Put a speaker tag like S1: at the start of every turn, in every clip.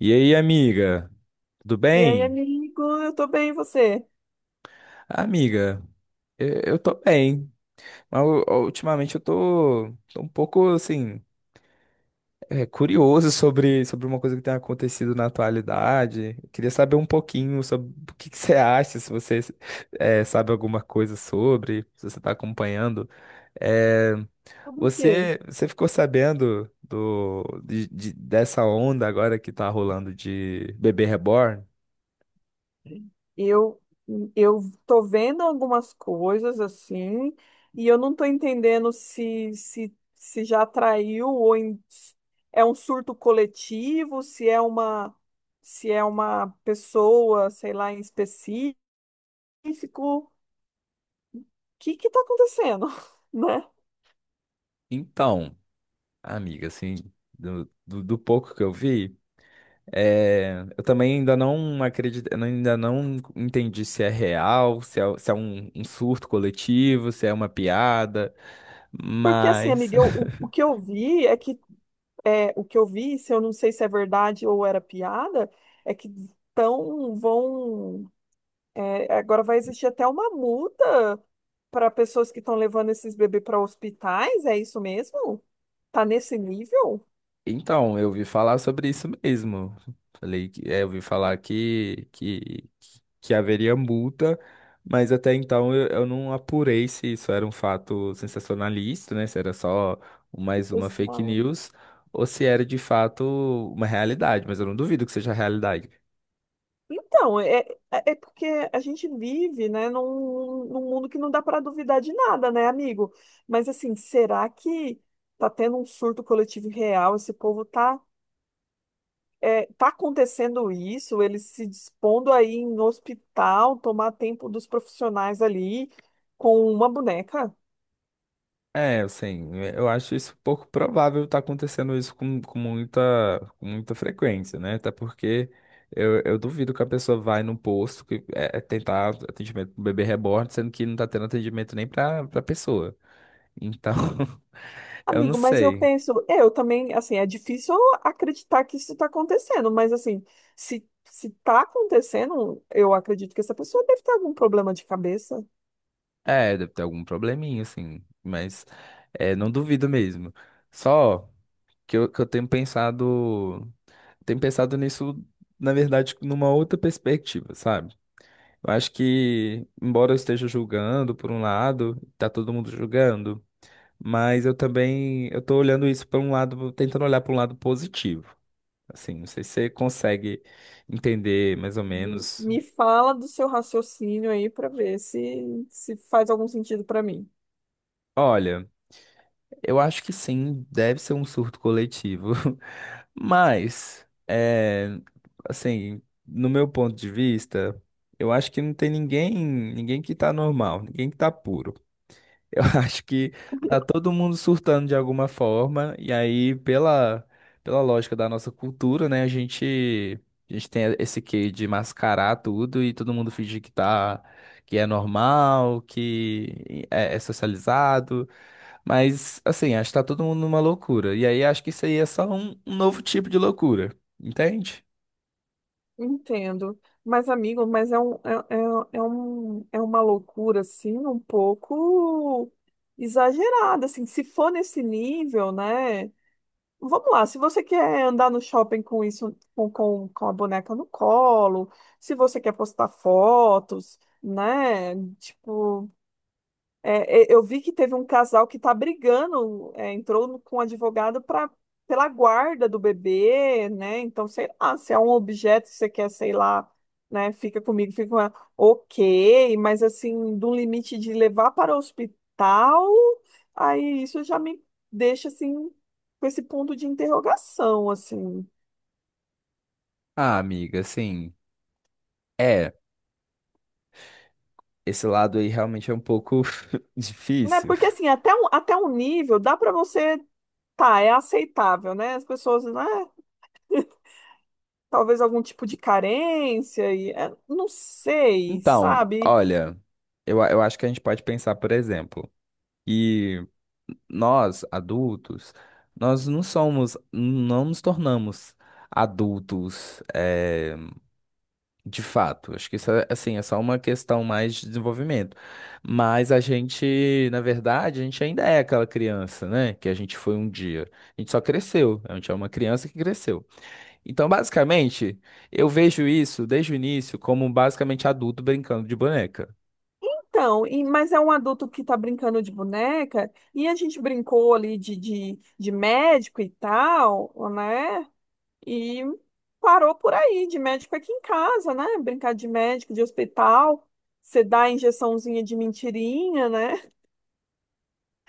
S1: E aí, amiga? Tudo
S2: E aí,
S1: bem?
S2: amigo, eu tô bem, e você?
S1: Amiga, eu tô bem, mas ultimamente eu tô um pouco, assim, curioso sobre uma coisa que tem acontecido na atualidade. Eu queria saber um pouquinho sobre o que que você acha, se você sabe alguma coisa sobre, se você tá acompanhando. É,
S2: Tudo o quê?
S1: você ficou sabendo dessa onda agora que tá rolando de bebê reborn?
S2: Eu, eu tô vendo algumas coisas assim, e eu não tô entendendo se, se já atraiu ou é um surto coletivo, se é uma, se é uma pessoa, sei lá, em específico. O que que tá acontecendo, né?
S1: Então. Amiga, assim, do pouco que eu vi, eu também ainda não acredito, eu ainda não entendi se é real, se é um surto coletivo, se é uma piada,
S2: Porque assim,
S1: mas...
S2: amiga, o que eu vi é que é, o que eu vi, se eu não sei se é verdade ou era piada, é que tão, vão. Agora vai existir até uma multa para pessoas que estão levando esses bebês para hospitais, é isso mesmo? Tá nesse nível?
S1: Então, eu ouvi falar sobre isso mesmo. Falei que é, eu ouvi falar que haveria multa, mas até então eu não apurei se isso era um fato sensacionalista, né? Se era só mais uma
S2: Os-
S1: fake
S2: ah,
S1: news ou se era de fato uma realidade, mas eu não duvido que seja realidade.
S2: É, é porque a gente vive, né, num mundo que não dá para duvidar de nada, né, amigo? Mas assim, será que tá tendo um surto coletivo real? Esse povo tá, é, tá acontecendo isso? Eles se dispondo aí no hospital, tomar tempo dos profissionais ali com uma boneca?
S1: É, assim, é, eu acho isso pouco provável estar acontecendo isso com muita frequência, né? Até porque eu duvido que a pessoa vai num posto é tentar atendimento pro bebê reborn, sendo que não tá tendo atendimento nem pra pessoa. Então, eu não
S2: Amigo, mas eu
S1: sei.
S2: penso, eu também, assim, é difícil acreditar que isso está acontecendo, mas assim, se está acontecendo, eu acredito que essa pessoa deve ter algum problema de cabeça.
S1: É, deve ter algum probleminha, assim, mas é, não duvido mesmo. Só que eu tenho pensado nisso, na verdade, numa outra perspectiva, sabe? Eu acho que, embora eu esteja julgando por um lado, tá todo mundo julgando, mas eu tô olhando isso por um lado, tentando olhar para um lado positivo. Assim, não sei se você consegue entender mais ou menos.
S2: Me fala do seu raciocínio aí para ver se faz algum sentido para mim.
S1: Olha, eu acho que sim, deve ser um surto coletivo, mas, no meu ponto de vista, eu acho que não tem ninguém que tá normal, ninguém que tá puro. Eu acho que tá todo mundo surtando de alguma forma, e aí, pela lógica da nossa cultura, né, a gente tem esse quê de mascarar tudo e todo mundo fingir que tá, que é normal, é socializado, mas, assim, acho que tá todo mundo numa loucura, e aí acho que isso aí é só um novo tipo de loucura, entende?
S2: Entendo, mas amigo, mas é uma loucura assim, um pouco exagerada, assim, se for nesse nível, né? Vamos lá, se você quer andar no shopping com isso, com a boneca no colo, se você quer postar fotos, né? Tipo, eu vi que teve um casal que tá brigando, é, entrou no- com um advogado pra, pela guarda do bebê, né? Então, sei lá, se é um objeto que você quer, sei lá, né? Fica comigo, fica com ela. Ok, mas assim, do limite de levar para o hospital, aí isso já me deixa assim, com esse ponto de interrogação, assim.
S1: Ah, amiga, assim, é, esse lado aí realmente é um pouco
S2: Né?
S1: difícil.
S2: Porque assim, até um nível dá pra você, tá, é aceitável, né? As pessoas, né? Talvez algum tipo de carência e é, não sei,
S1: Então,
S2: sabe?
S1: olha, eu acho que a gente pode pensar, por exemplo, que nós, adultos, nós não somos, não nos tornamos adultos, de fato. Acho que isso é, assim, é só uma questão mais de desenvolvimento. Mas a gente, na verdade, a gente ainda é aquela criança, né? Que a gente foi um dia. A gente só cresceu. A gente é uma criança que cresceu. Então, basicamente, eu vejo isso desde o início como basicamente adulto brincando de boneca.
S2: Então, mas é um adulto que tá brincando de boneca e a gente brincou ali de, de médico e tal, né? E parou por aí, de médico aqui em casa, né? Brincar de médico, de hospital, você dá a injeçãozinha de mentirinha, né?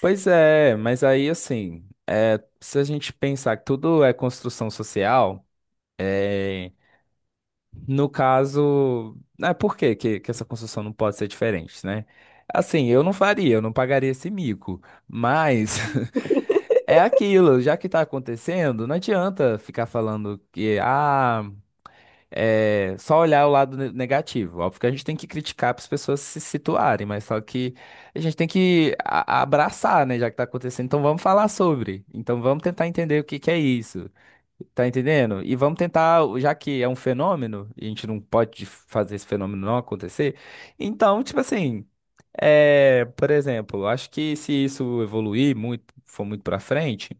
S1: Pois é, mas aí assim, é, se a gente pensar que tudo é construção social, é, no caso, é por que que essa construção não pode ser diferente, né? Assim, eu não faria, eu não pagaria esse mico, mas é aquilo, já que tá acontecendo, não adianta ficar falando que, ah é, só olhar o lado negativo. Óbvio que a gente tem que criticar para as pessoas se situarem, mas só que a gente tem que abraçar, né, já que está acontecendo. Então vamos falar sobre. Então vamos tentar entender o que que é isso. Tá entendendo? E vamos tentar, já que é um fenômeno, e a gente não pode fazer esse fenômeno não acontecer. Então, tipo assim, é, por exemplo, acho que se isso evoluir muito, for muito pra frente,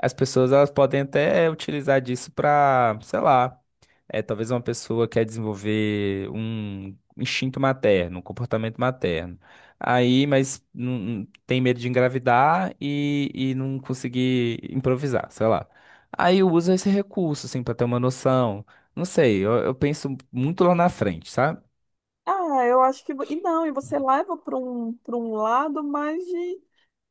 S1: as pessoas elas podem até utilizar disso pra, sei lá. É, talvez uma pessoa quer desenvolver um instinto materno, um comportamento materno. Aí, mas tem medo de engravidar e não conseguir improvisar, sei lá. Aí usa esse recurso, assim, pra ter uma noção. Não sei, eu penso muito lá na frente, sabe?
S2: Ah, eu acho que. Não, e você leva para um lado mais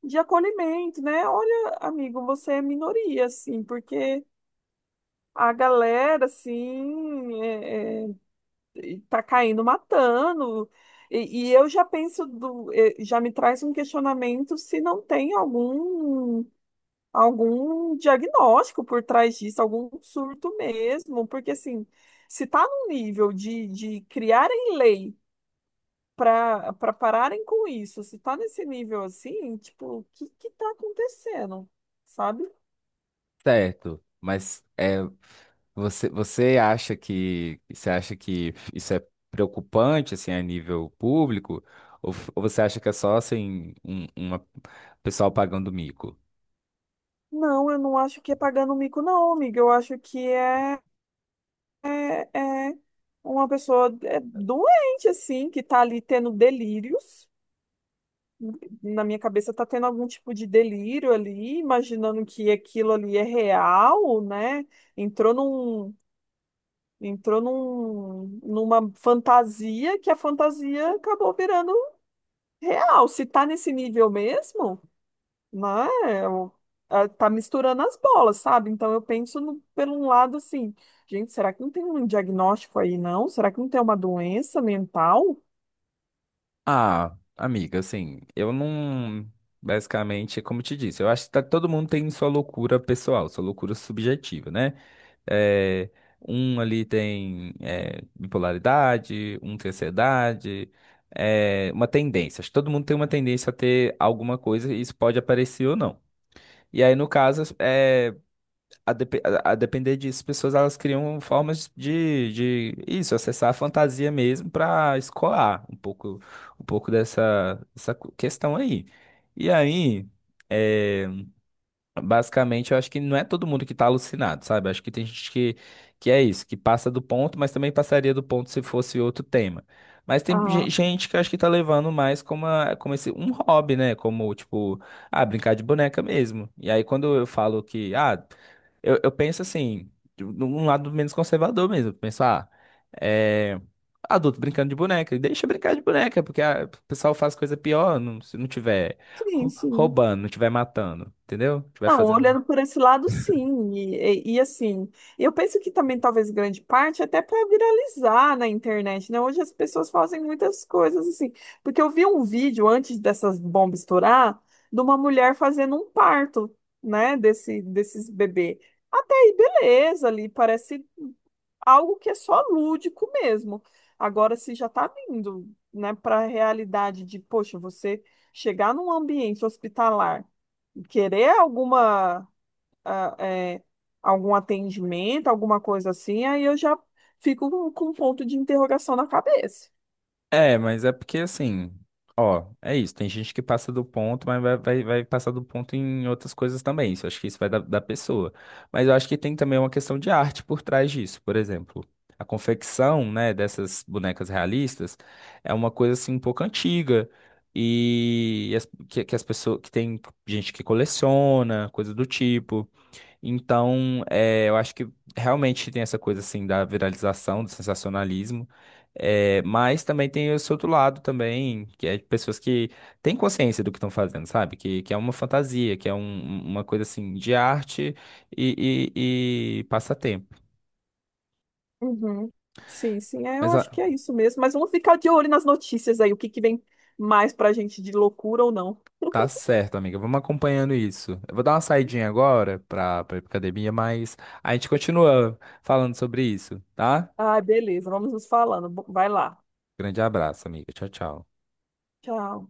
S2: de acolhimento, né? Olha, amigo, você é minoria, assim, porque a galera, assim, tá caindo matando. E eu já penso, do, eh, já me traz um questionamento se não tem algum, algum diagnóstico por trás disso, algum surto mesmo, porque, assim, se está num nível de criarem lei para pararem com isso. Se tá nesse nível assim, tipo, o que que tá acontecendo? Sabe?
S1: Certo, mas é, você acha que isso é preocupante assim a nível público ou, ou você acha que é só assim uma pessoal pagando mico?
S2: Não, eu não acho que é pagando mico, não, amiga. Eu acho que é, é uma pessoa é, doente, assim, que tá ali tendo delírios. Na minha cabeça tá tendo algum tipo de delírio ali, imaginando que aquilo ali é real, né? Entrou num, entrou num, numa fantasia que a fantasia acabou virando real, se tá nesse nível mesmo, né? eu- tá misturando as bolas, sabe? Então eu penso no, pelo um lado assim, gente, será que não tem um diagnóstico aí, não? Será que não tem uma doença mental?
S1: Ah, amiga, assim, eu não. Basicamente, como eu te disse, eu acho que todo mundo tem sua loucura pessoal, sua loucura subjetiva, né? É, um ali tem é, bipolaridade, um tem ansiedade, é, uma tendência. Acho que todo mundo tem uma tendência a ter alguma coisa e isso pode aparecer ou não. E aí, no caso, a depender disso, as pessoas elas criam formas de isso, acessar a fantasia mesmo para escoar um pouco dessa questão aí. E aí, eh, basicamente, eu acho que não é todo mundo que está alucinado, sabe? Acho que tem gente que é isso, que passa do ponto, mas também passaria do ponto se fosse outro tema. Mas tem
S2: Ah,
S1: gente que eu acho que tá levando mais como, como esse, um hobby, né? Como, tipo, ah, brincar de boneca mesmo. E aí, quando eu falo que, ah, eu penso assim, de um lado menos conservador mesmo. Eu penso, ah, é. Adulto brincando de boneca, deixa brincar de boneca, porque ah, o pessoal faz coisa pior se não tiver
S2: sim, sim.
S1: roubando, não estiver matando, entendeu? Estiver
S2: Não,
S1: fazendo.
S2: olhando por esse lado, sim. E, assim, eu penso que também talvez grande parte até para viralizar na internet, né? Hoje as pessoas fazem muitas coisas assim. Porque eu vi um vídeo antes dessas bombas estourar de uma mulher fazendo um parto, né? Desse, desses bebê. Até aí, beleza, ali parece algo que é só lúdico mesmo. Agora, se já está vindo, né, para a realidade de, poxa, você chegar num ambiente hospitalar e querer alguma, ah, é, algum atendimento, alguma coisa assim, aí eu já fico com um ponto de interrogação na cabeça.
S1: É, mas é porque assim, ó, é isso. Tem gente que passa do ponto, mas vai passar do ponto em outras coisas também. Isso, eu acho que isso vai da pessoa. Mas eu acho que tem também uma questão de arte por trás disso. Por exemplo, a confecção, né, dessas bonecas realistas é uma coisa assim um pouco antiga. Que as pessoas que tem gente que coleciona, coisa do tipo. Então, é, eu acho que realmente tem essa coisa assim da viralização, do sensacionalismo, é, mas também tem esse outro lado também, que é de pessoas que têm consciência do que estão fazendo, sabe? Que é uma fantasia, que é uma coisa assim de arte e passatempo.
S2: Uhum. Sim, sim, é, eu
S1: Mas ah,
S2: acho que é isso mesmo. Mas vamos ficar de olho nas notícias aí, o que que vem mais pra gente de loucura ou não.
S1: tá certo, amiga, vamos acompanhando isso. Eu vou dar uma saidinha agora para pra pra ir pra academia, mas a gente continua falando sobre isso, tá?
S2: Ah, beleza, vamos nos falando. Vai lá.
S1: Grande abraço, amiga. Tchau, tchau.
S2: Tchau.